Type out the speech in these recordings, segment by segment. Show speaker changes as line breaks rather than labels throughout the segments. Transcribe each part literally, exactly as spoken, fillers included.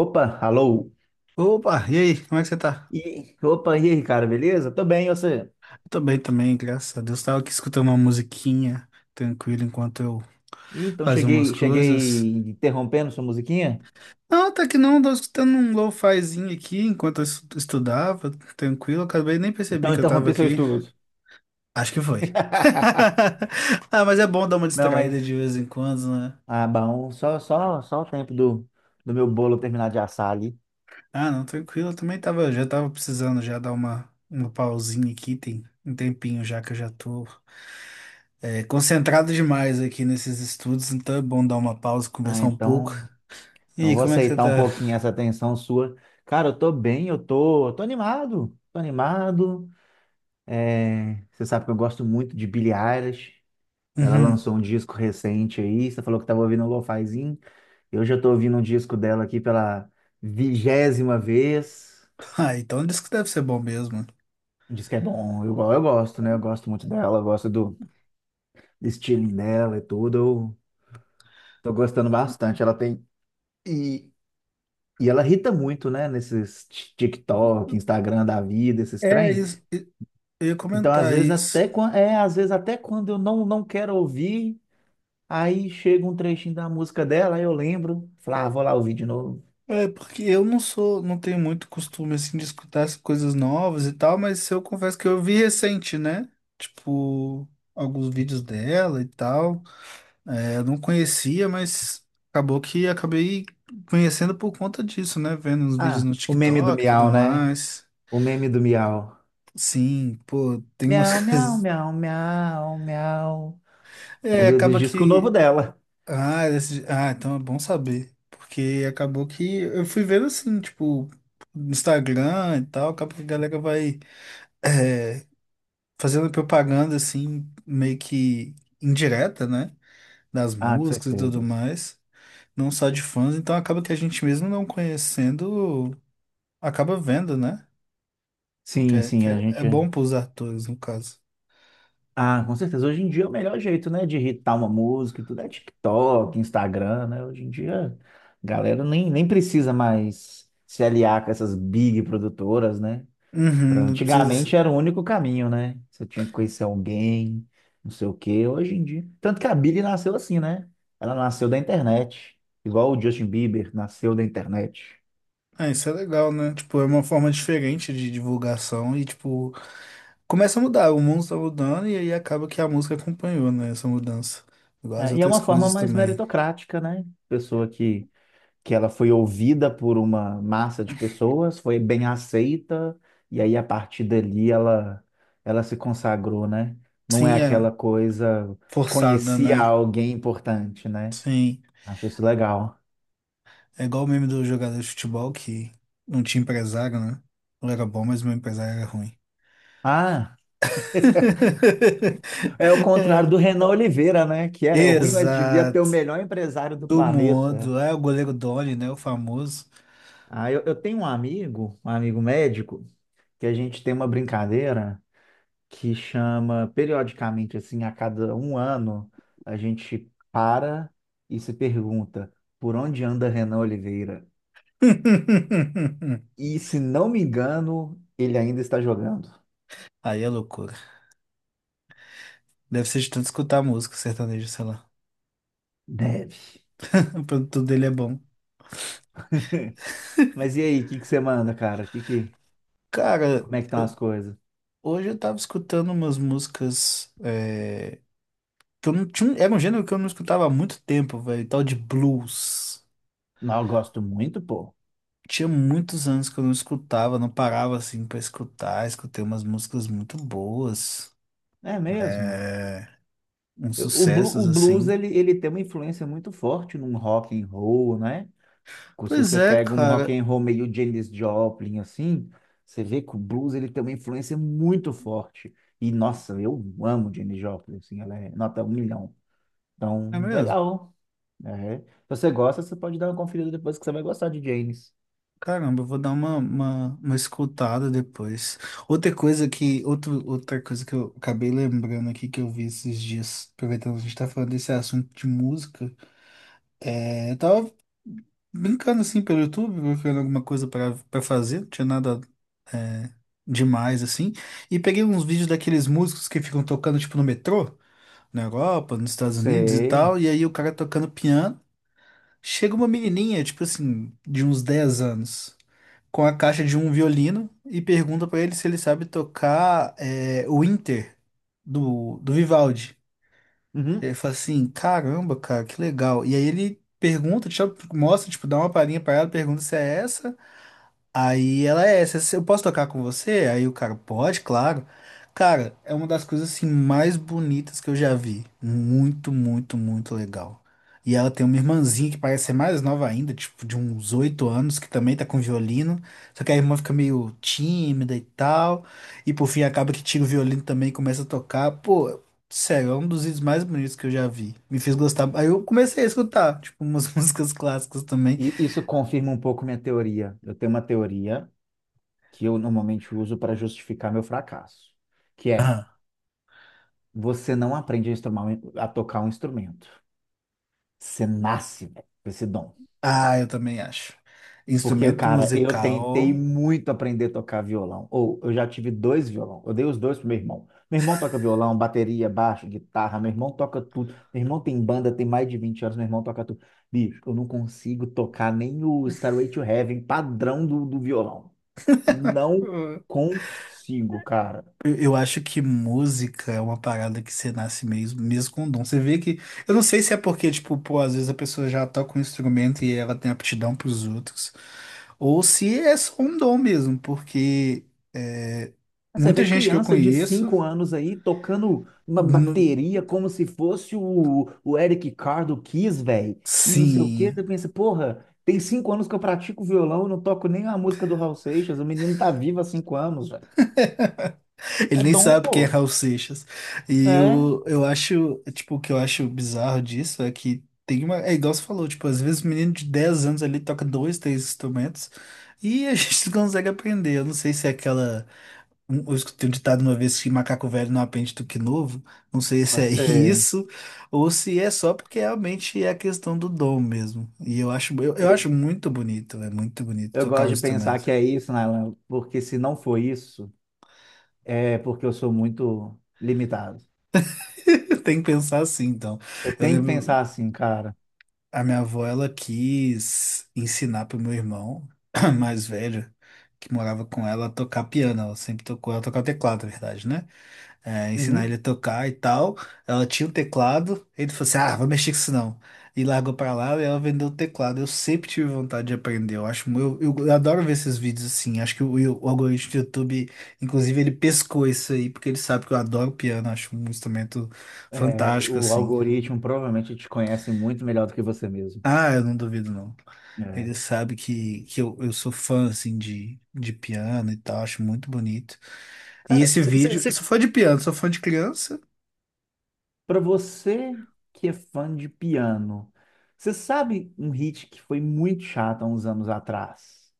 Opa, alô.
Opa, e aí, como é que você tá?
E, opa, e aí, cara, beleza? Tô bem, e você?
Eu tô bem também, graças a Deus. Tava aqui escutando uma musiquinha tranquila enquanto eu
Ih, então
fazia umas
cheguei,
coisas.
cheguei interrompendo sua musiquinha?
Não, até que não, tava escutando um lo-fizinho aqui enquanto eu estu- estudava, tranquilo. Acabei nem percebi
Então
que eu tava
interrompi seu
aqui.
estudo.
Acho que foi. Ah, mas é bom dar uma
Não,
distraída
mas
de vez em quando, né?
ah, bom, só só só o tempo do, do meu bolo terminar de assar ali.
Ah, não, tranquilo. Eu também tava, já tava precisando já dar uma, uma pausinha aqui, tem um tempinho já que eu já tô. É, concentrado demais aqui nesses estudos, então é bom dar uma pausa,
Ah,
conversar um pouco.
então,
E
então
aí,
vou
como é que você
aceitar um
tá?
pouquinho essa atenção sua. Cara, eu tô bem, eu tô, eu tô animado. Tô animado. É, você sabe que eu gosto muito de Billie Eilish. Ela
Uhum.
lançou um disco recente aí, você falou que tava ouvindo um lo-fizinho. Eu já tô ouvindo um disco dela aqui pela vigésima vez.
Ah, então isso que deve ser bom mesmo.
Um disco que é bom, eu, go- eu gosto, né? Eu gosto muito dela, eu gosto do do estilinho dela e tudo. Eu tô gostando bastante. Ela tem. E, e ela irrita muito, né? Nesses ti- TikTok, Instagram da vida, esses
É,
trem.
isso, eu ia
Então, às
comentar
vezes,
isso.
até quando. É, às vezes, até quando eu não, não quero ouvir, aí chega um trechinho da música dela, aí eu lembro. Falo, ah, vou lá ouvir de novo.
É, porque eu não sou, não tenho muito costume, assim, de escutar as coisas novas e tal, mas eu confesso que eu vi recente, né? Tipo, alguns vídeos dela e tal. É, eu não conhecia, mas acabou que acabei conhecendo por conta disso, né? Vendo uns vídeos
Ah,
no
o meme do
TikTok e tudo
Miau, né?
mais.
O meme do Miau.
Sim, pô, tem umas
Miau, miau,
coisas.
miau, miau, miau. É
É,
do, do
acaba
disco novo
que.
dela.
Ah, esse- ah, então é bom saber. Porque acabou que eu fui vendo assim, tipo, no Instagram e tal, acaba que a galera vai é, fazendo propaganda assim, meio que indireta, né? Das
Ah, com
músicas e tudo
certeza.
mais. Não só de fãs, então acaba que a gente mesmo não conhecendo, acaba vendo, né? Que
Sim,
é,
sim,
que
a
é, é
gente.
bom pros atores, no caso.
Ah, com certeza. Hoje em dia é o melhor jeito, né, de irritar uma música e tudo é TikTok, Instagram, né? Hoje em dia, a galera nem, nem precisa mais se aliar com essas big produtoras, né?
Uhum,
Pra,
não precisa.
antigamente era o único caminho, né? Você tinha que conhecer alguém, não sei o quê. Hoje em dia. Tanto que a Billie nasceu assim, né? Ela nasceu da internet. Igual o Justin Bieber nasceu da internet.
Ah, isso é legal, né? Tipo, é uma forma diferente de divulgação e, tipo, começa a mudar. O mundo tá mudando e aí acaba que a música acompanhou, né? Essa mudança. Igual as
É, e é
outras
uma forma
coisas
mais
também.
meritocrática, né? Pessoa que, que ela foi ouvida por uma massa de pessoas, foi bem aceita, e aí a partir dali ela, ela se consagrou, né? Não é
Sim, é
aquela coisa,
forçada,
conhecia
né?
alguém importante, né?
Sim.
Acho isso legal.
É igual o meme do jogador de futebol que não tinha empresário, né? Ele era bom, mas meu empresário era ruim.
Ah, é o contrário
É.
do Renan Oliveira, né? Que era ruim, mas devia ter o
Exato.
melhor empresário do
Do
planeta.
mundo. É o goleiro Doni, né? O famoso.
Ah, eu, eu tenho um amigo, um amigo médico, que a gente tem uma brincadeira. Que chama periodicamente, assim, a cada um ano, a gente para e se pergunta por onde anda Renan Oliveira? E se não me engano, ele ainda está jogando.
Aí é loucura. Deve ser de tanto escutar música sertaneja, sei lá.
Deve.
O produto dele é bom.
Mas e aí, o que que você manda, cara? Que que,
Cara,
como é que estão as
eu-
coisas?
Hoje eu tava escutando umas músicas é, que eu não tinha. Era um gênero que eu não escutava há muito tempo, velho. Tal de blues.
Não, eu gosto muito, pô.
Tinha muitos anos que eu não escutava, não parava assim pra escutar. Escutei umas músicas muito boas,
É mesmo?
uns
Eu- O, blu-
sucessos
o blues,
assim.
ele, ele tem uma influência muito forte num rock and roll, né? Se
Pois
você
é,
pega um rock
cara.
and roll meio Janis Joplin, assim, você vê que o blues ele tem uma influência muito forte. E, nossa, eu amo Janis Joplin, assim, ela é nota um milhão. Então,
É mesmo?
legal. É. Se você gosta, você pode dar uma conferida depois que você vai gostar de Janis.
Caramba, eu vou dar uma, uma, uma escutada depois. Outra coisa que, outro, outra coisa que eu acabei lembrando aqui que eu vi esses dias, aproveitando que a gente tá falando desse assunto de música, é, eu tava brincando assim pelo YouTube, procurando alguma coisa para para fazer, não tinha nada é, demais assim, e peguei uns vídeos daqueles músicos que ficam tocando tipo no metrô, na Europa, nos Estados Unidos e tal,
Sei.
e aí o cara tocando piano, chega uma menininha, tipo assim, de uns dez anos com a caixa de um violino e pergunta pra ele se ele sabe tocar é, o Inter do, do Vivaldi. Ele
Uhum.
fala assim, caramba, cara, que legal. E aí ele pergunta, tipo, mostra, tipo, dá uma palhinha pra ela, pergunta se é essa. Aí ela é essa, eu posso tocar com você? Aí o cara, pode, claro. Cara, é uma das coisas assim mais bonitas que eu já vi. Muito, muito, muito legal. E ela tem uma irmãzinha que parece ser mais nova ainda, tipo de uns oito anos, que também tá com violino. Só que a irmã fica meio tímida e tal. E por fim acaba que tira o violino também e começa a tocar. Pô, sério, é um dos vídeos mais bonitos que eu já vi. Me fez gostar. Aí eu comecei a escutar, tipo, umas músicas clássicas também.
E isso confirma um pouco minha teoria. Eu tenho uma teoria que eu normalmente uso para justificar meu fracasso, que é, você não aprende a, instrumar- a tocar um instrumento. Você nasce, velho, com esse dom.
Ah, eu também acho.
Porque,
Instrumento
cara, eu tentei
musical.
muito aprender a tocar violão. Ou eu já tive dois violão. Eu dei os dois pro meu irmão. Meu irmão toca violão, bateria, baixo, guitarra. Meu irmão toca tudo. Meu irmão tem banda, tem mais de vinte anos. Meu irmão toca tudo. Bicho, eu não consigo tocar nem o Stairway to Heaven padrão do, do violão. Não
eh,
consigo, cara.
Eu eu acho que música é uma parada que você nasce mesmo, mesmo com dom. Você vê que. Eu não sei se é porque, tipo, pô, às vezes a pessoa já toca um instrumento e ela tem aptidão pros outros. Ou se é só um dom mesmo, porque eh,
Você
muita
vê
gente que eu
criança de
conheço,
cinco anos aí tocando uma
nu-
bateria como se fosse o, o Eric Carr do Kiss, velho. E não sei o quê.
sim.
Você pensa, porra, tem cinco anos que eu pratico violão, eu não toco nem a música do Raul Seixas. O menino tá vivo há cinco anos, velho.
Ele
É
nem
dom,
sabe quem é
pô.
Raul Seixas. E
É.
eu, eu acho, tipo, o que eu acho bizarro disso é que tem uma. É igual você falou, tipo, às vezes um menino de dez anos ali toca dois, três instrumentos e a gente não consegue aprender. Eu não sei se é aquela. um- Eu escutei um ditado uma vez que macaco velho não aprende tuque novo. Não sei se
Pode
é
ser.
isso ou se é só porque realmente é a questão do dom mesmo. E eu acho, eu, eu
Eu,
acho muito bonito, é muito bonito
eu
tocar
gosto
um
de pensar
instrumento.
que é isso, Nailan, porque se não for isso, é porque eu sou muito limitado.
Tem que pensar assim, então.
Eu
Eu
tenho que
lembro.
pensar assim, cara.
A minha avó, ela quis ensinar pro meu irmão mais velho, que morava com ela, a tocar piano. Ela sempre tocou, ela tocava teclado, na verdade, né? É, ensinar
Uhum.
ele a tocar e tal. Ela tinha um teclado, ele falou assim, ah, vou mexer com isso não. E largou pra lá e ela vendeu o teclado. Eu sempre tive vontade de aprender. Eu acho, mu- eu, eu adoro ver esses vídeos assim. Acho que o, o algoritmo do YouTube, inclusive, ele pescou isso aí, porque ele sabe que eu adoro piano, acho um instrumento
É,
fantástico,
o
assim.
algoritmo provavelmente te conhece muito melhor do que você mesmo.
Ah, eu não duvido, não.
É.
Ele sabe que, que eu, eu sou fã, assim, de, de piano e tal, acho muito bonito. E
Cara,
esse vídeo, eu sou fã de piano, sou fã de criança.
para você que é fã de piano, você sabe um hit que foi muito chato há uns anos atrás,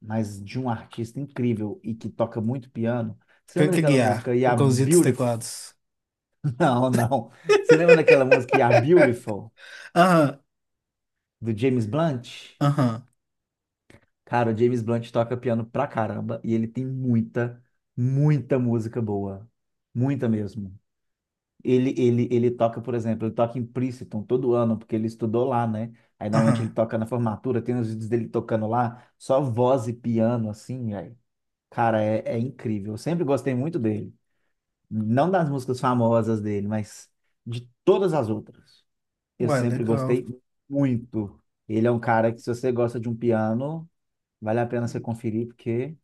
mas de um artista incrível e que toca muito piano? Você lembra
Frank
daquela
Aguiar,
música
o
Yeah
Cãozinho dos
Beautiful?
Teclados.
Não, não. Você lembra daquela música Yeah Beautiful
Aham,
do James Blunt?
aham,
Cara, o James Blunt toca piano pra caramba e ele tem muita, muita música boa. Muita mesmo. Ele, ele, ele toca, por exemplo, ele toca em Princeton todo ano, porque ele estudou lá, né? Aí normalmente
aham.
ele toca na formatura, tem os vídeos dele tocando lá, só voz e piano, assim, aí. Cara, é, é incrível. Eu sempre gostei muito dele. Não das músicas famosas dele, mas de todas as outras. Eu
Ué,
sempre
legal.
gostei muito. Ele é um cara que, se você gosta de um piano, vale a pena você conferir, porque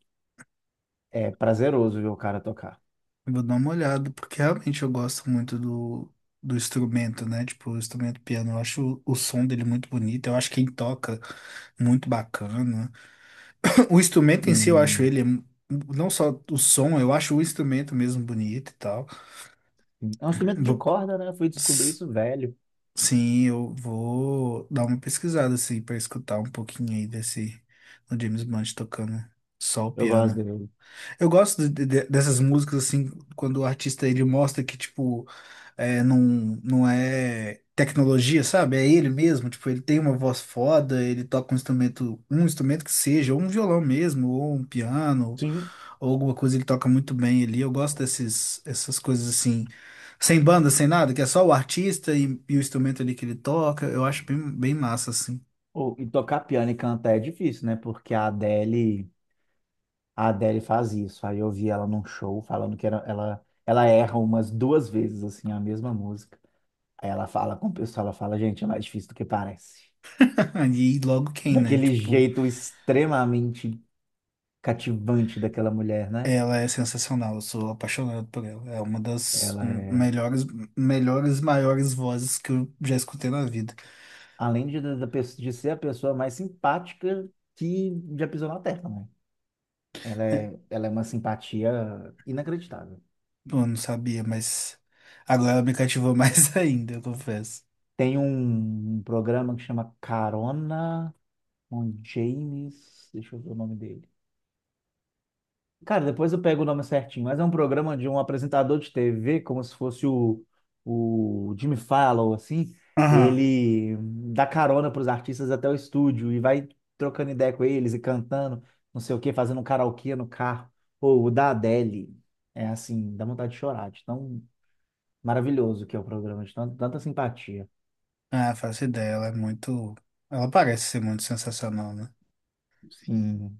é prazeroso ver o cara tocar.
Eu vou dar uma olhada, porque realmente eu gosto muito do, do instrumento, né? Tipo, o instrumento piano, eu acho o, o som dele muito bonito, eu acho quem toca muito bacana. O instrumento em si, eu acho
Sim,
ele, não só o som, eu acho o instrumento mesmo bonito e tal.
sim. É um instrumento de
Vou
corda, né? Eu fui descobrir
S-
isso velho.
Sim, eu vou dar uma pesquisada assim para escutar um pouquinho aí desse do James Blunt tocando só o
Eu gosto
piano.
dele.
Eu gosto de- de- dessas músicas assim quando o artista ele mostra que tipo é, não, não é tecnologia, sabe? É ele mesmo, tipo, ele tem uma voz foda, ele toca um instrumento, um instrumento que seja, ou um violão mesmo, ou um piano,
Sim.
ou alguma coisa ele toca muito bem ali. Eu gosto desses, essas coisas assim, sem banda, sem nada, que é só o artista e, e o instrumento ali que ele toca, eu acho bem, bem massa, assim.
Ou- E tocar piano e cantar é difícil, né? Porque a Adele, a Adele faz isso. Aí eu vi ela num show falando que era- ela, ela erra umas duas vezes, assim, a mesma música. Aí ela fala com o pessoal, ela fala, gente, é mais difícil do que parece.
E logo quem, né?
Daquele
Tipo,
jeito extremamente cativante daquela mulher, né?
ela é sensacional, eu sou apaixonado por ela. É uma das
Ela é,
melhores, melhores, maiores vozes que eu já escutei na vida.
além de, da- da pe- de ser a pessoa mais simpática que já pisou na Terra, né? Ela
É,
é, ela é uma simpatia inacreditável.
eu não sabia, mas agora ela me cativou mais ainda, eu confesso.
Tem um, um programa que chama Carona com James. Deixa eu ver o nome dele. Cara, depois eu pego o nome certinho, mas é um programa de um apresentador de T V, como se fosse o, o Jimmy Fallon, assim.
Aham.
Ele dá carona para os artistas até o estúdio e vai trocando ideia com eles e cantando, não sei o quê, fazendo um karaokê no carro. Ou o da Adele. É assim, dá vontade de chorar, de tão maravilhoso que é o programa, de tan- tanta simpatia.
Ah, faço ideia, ela é muito. Ela parece ser muito sensacional, né?
Sim.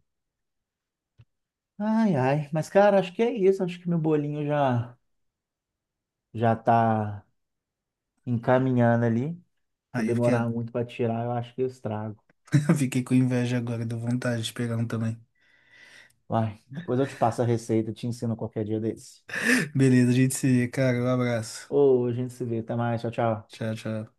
Ai, ai. Mas, cara, acho que é isso. Acho que meu bolinho já já tá encaminhando ali. Se eu
Aí eu fiquei,
demorar muito para tirar, eu acho que eu estrago.
eu fiquei com inveja agora, deu vontade de pegar um também.
Vai, depois eu te passo a receita, te ensino qualquer dia desse.
Beleza, a gente se vê, cara. Um abraço.
Ô, a gente se vê. Até mais. Tchau, tchau.
Tchau, tchau.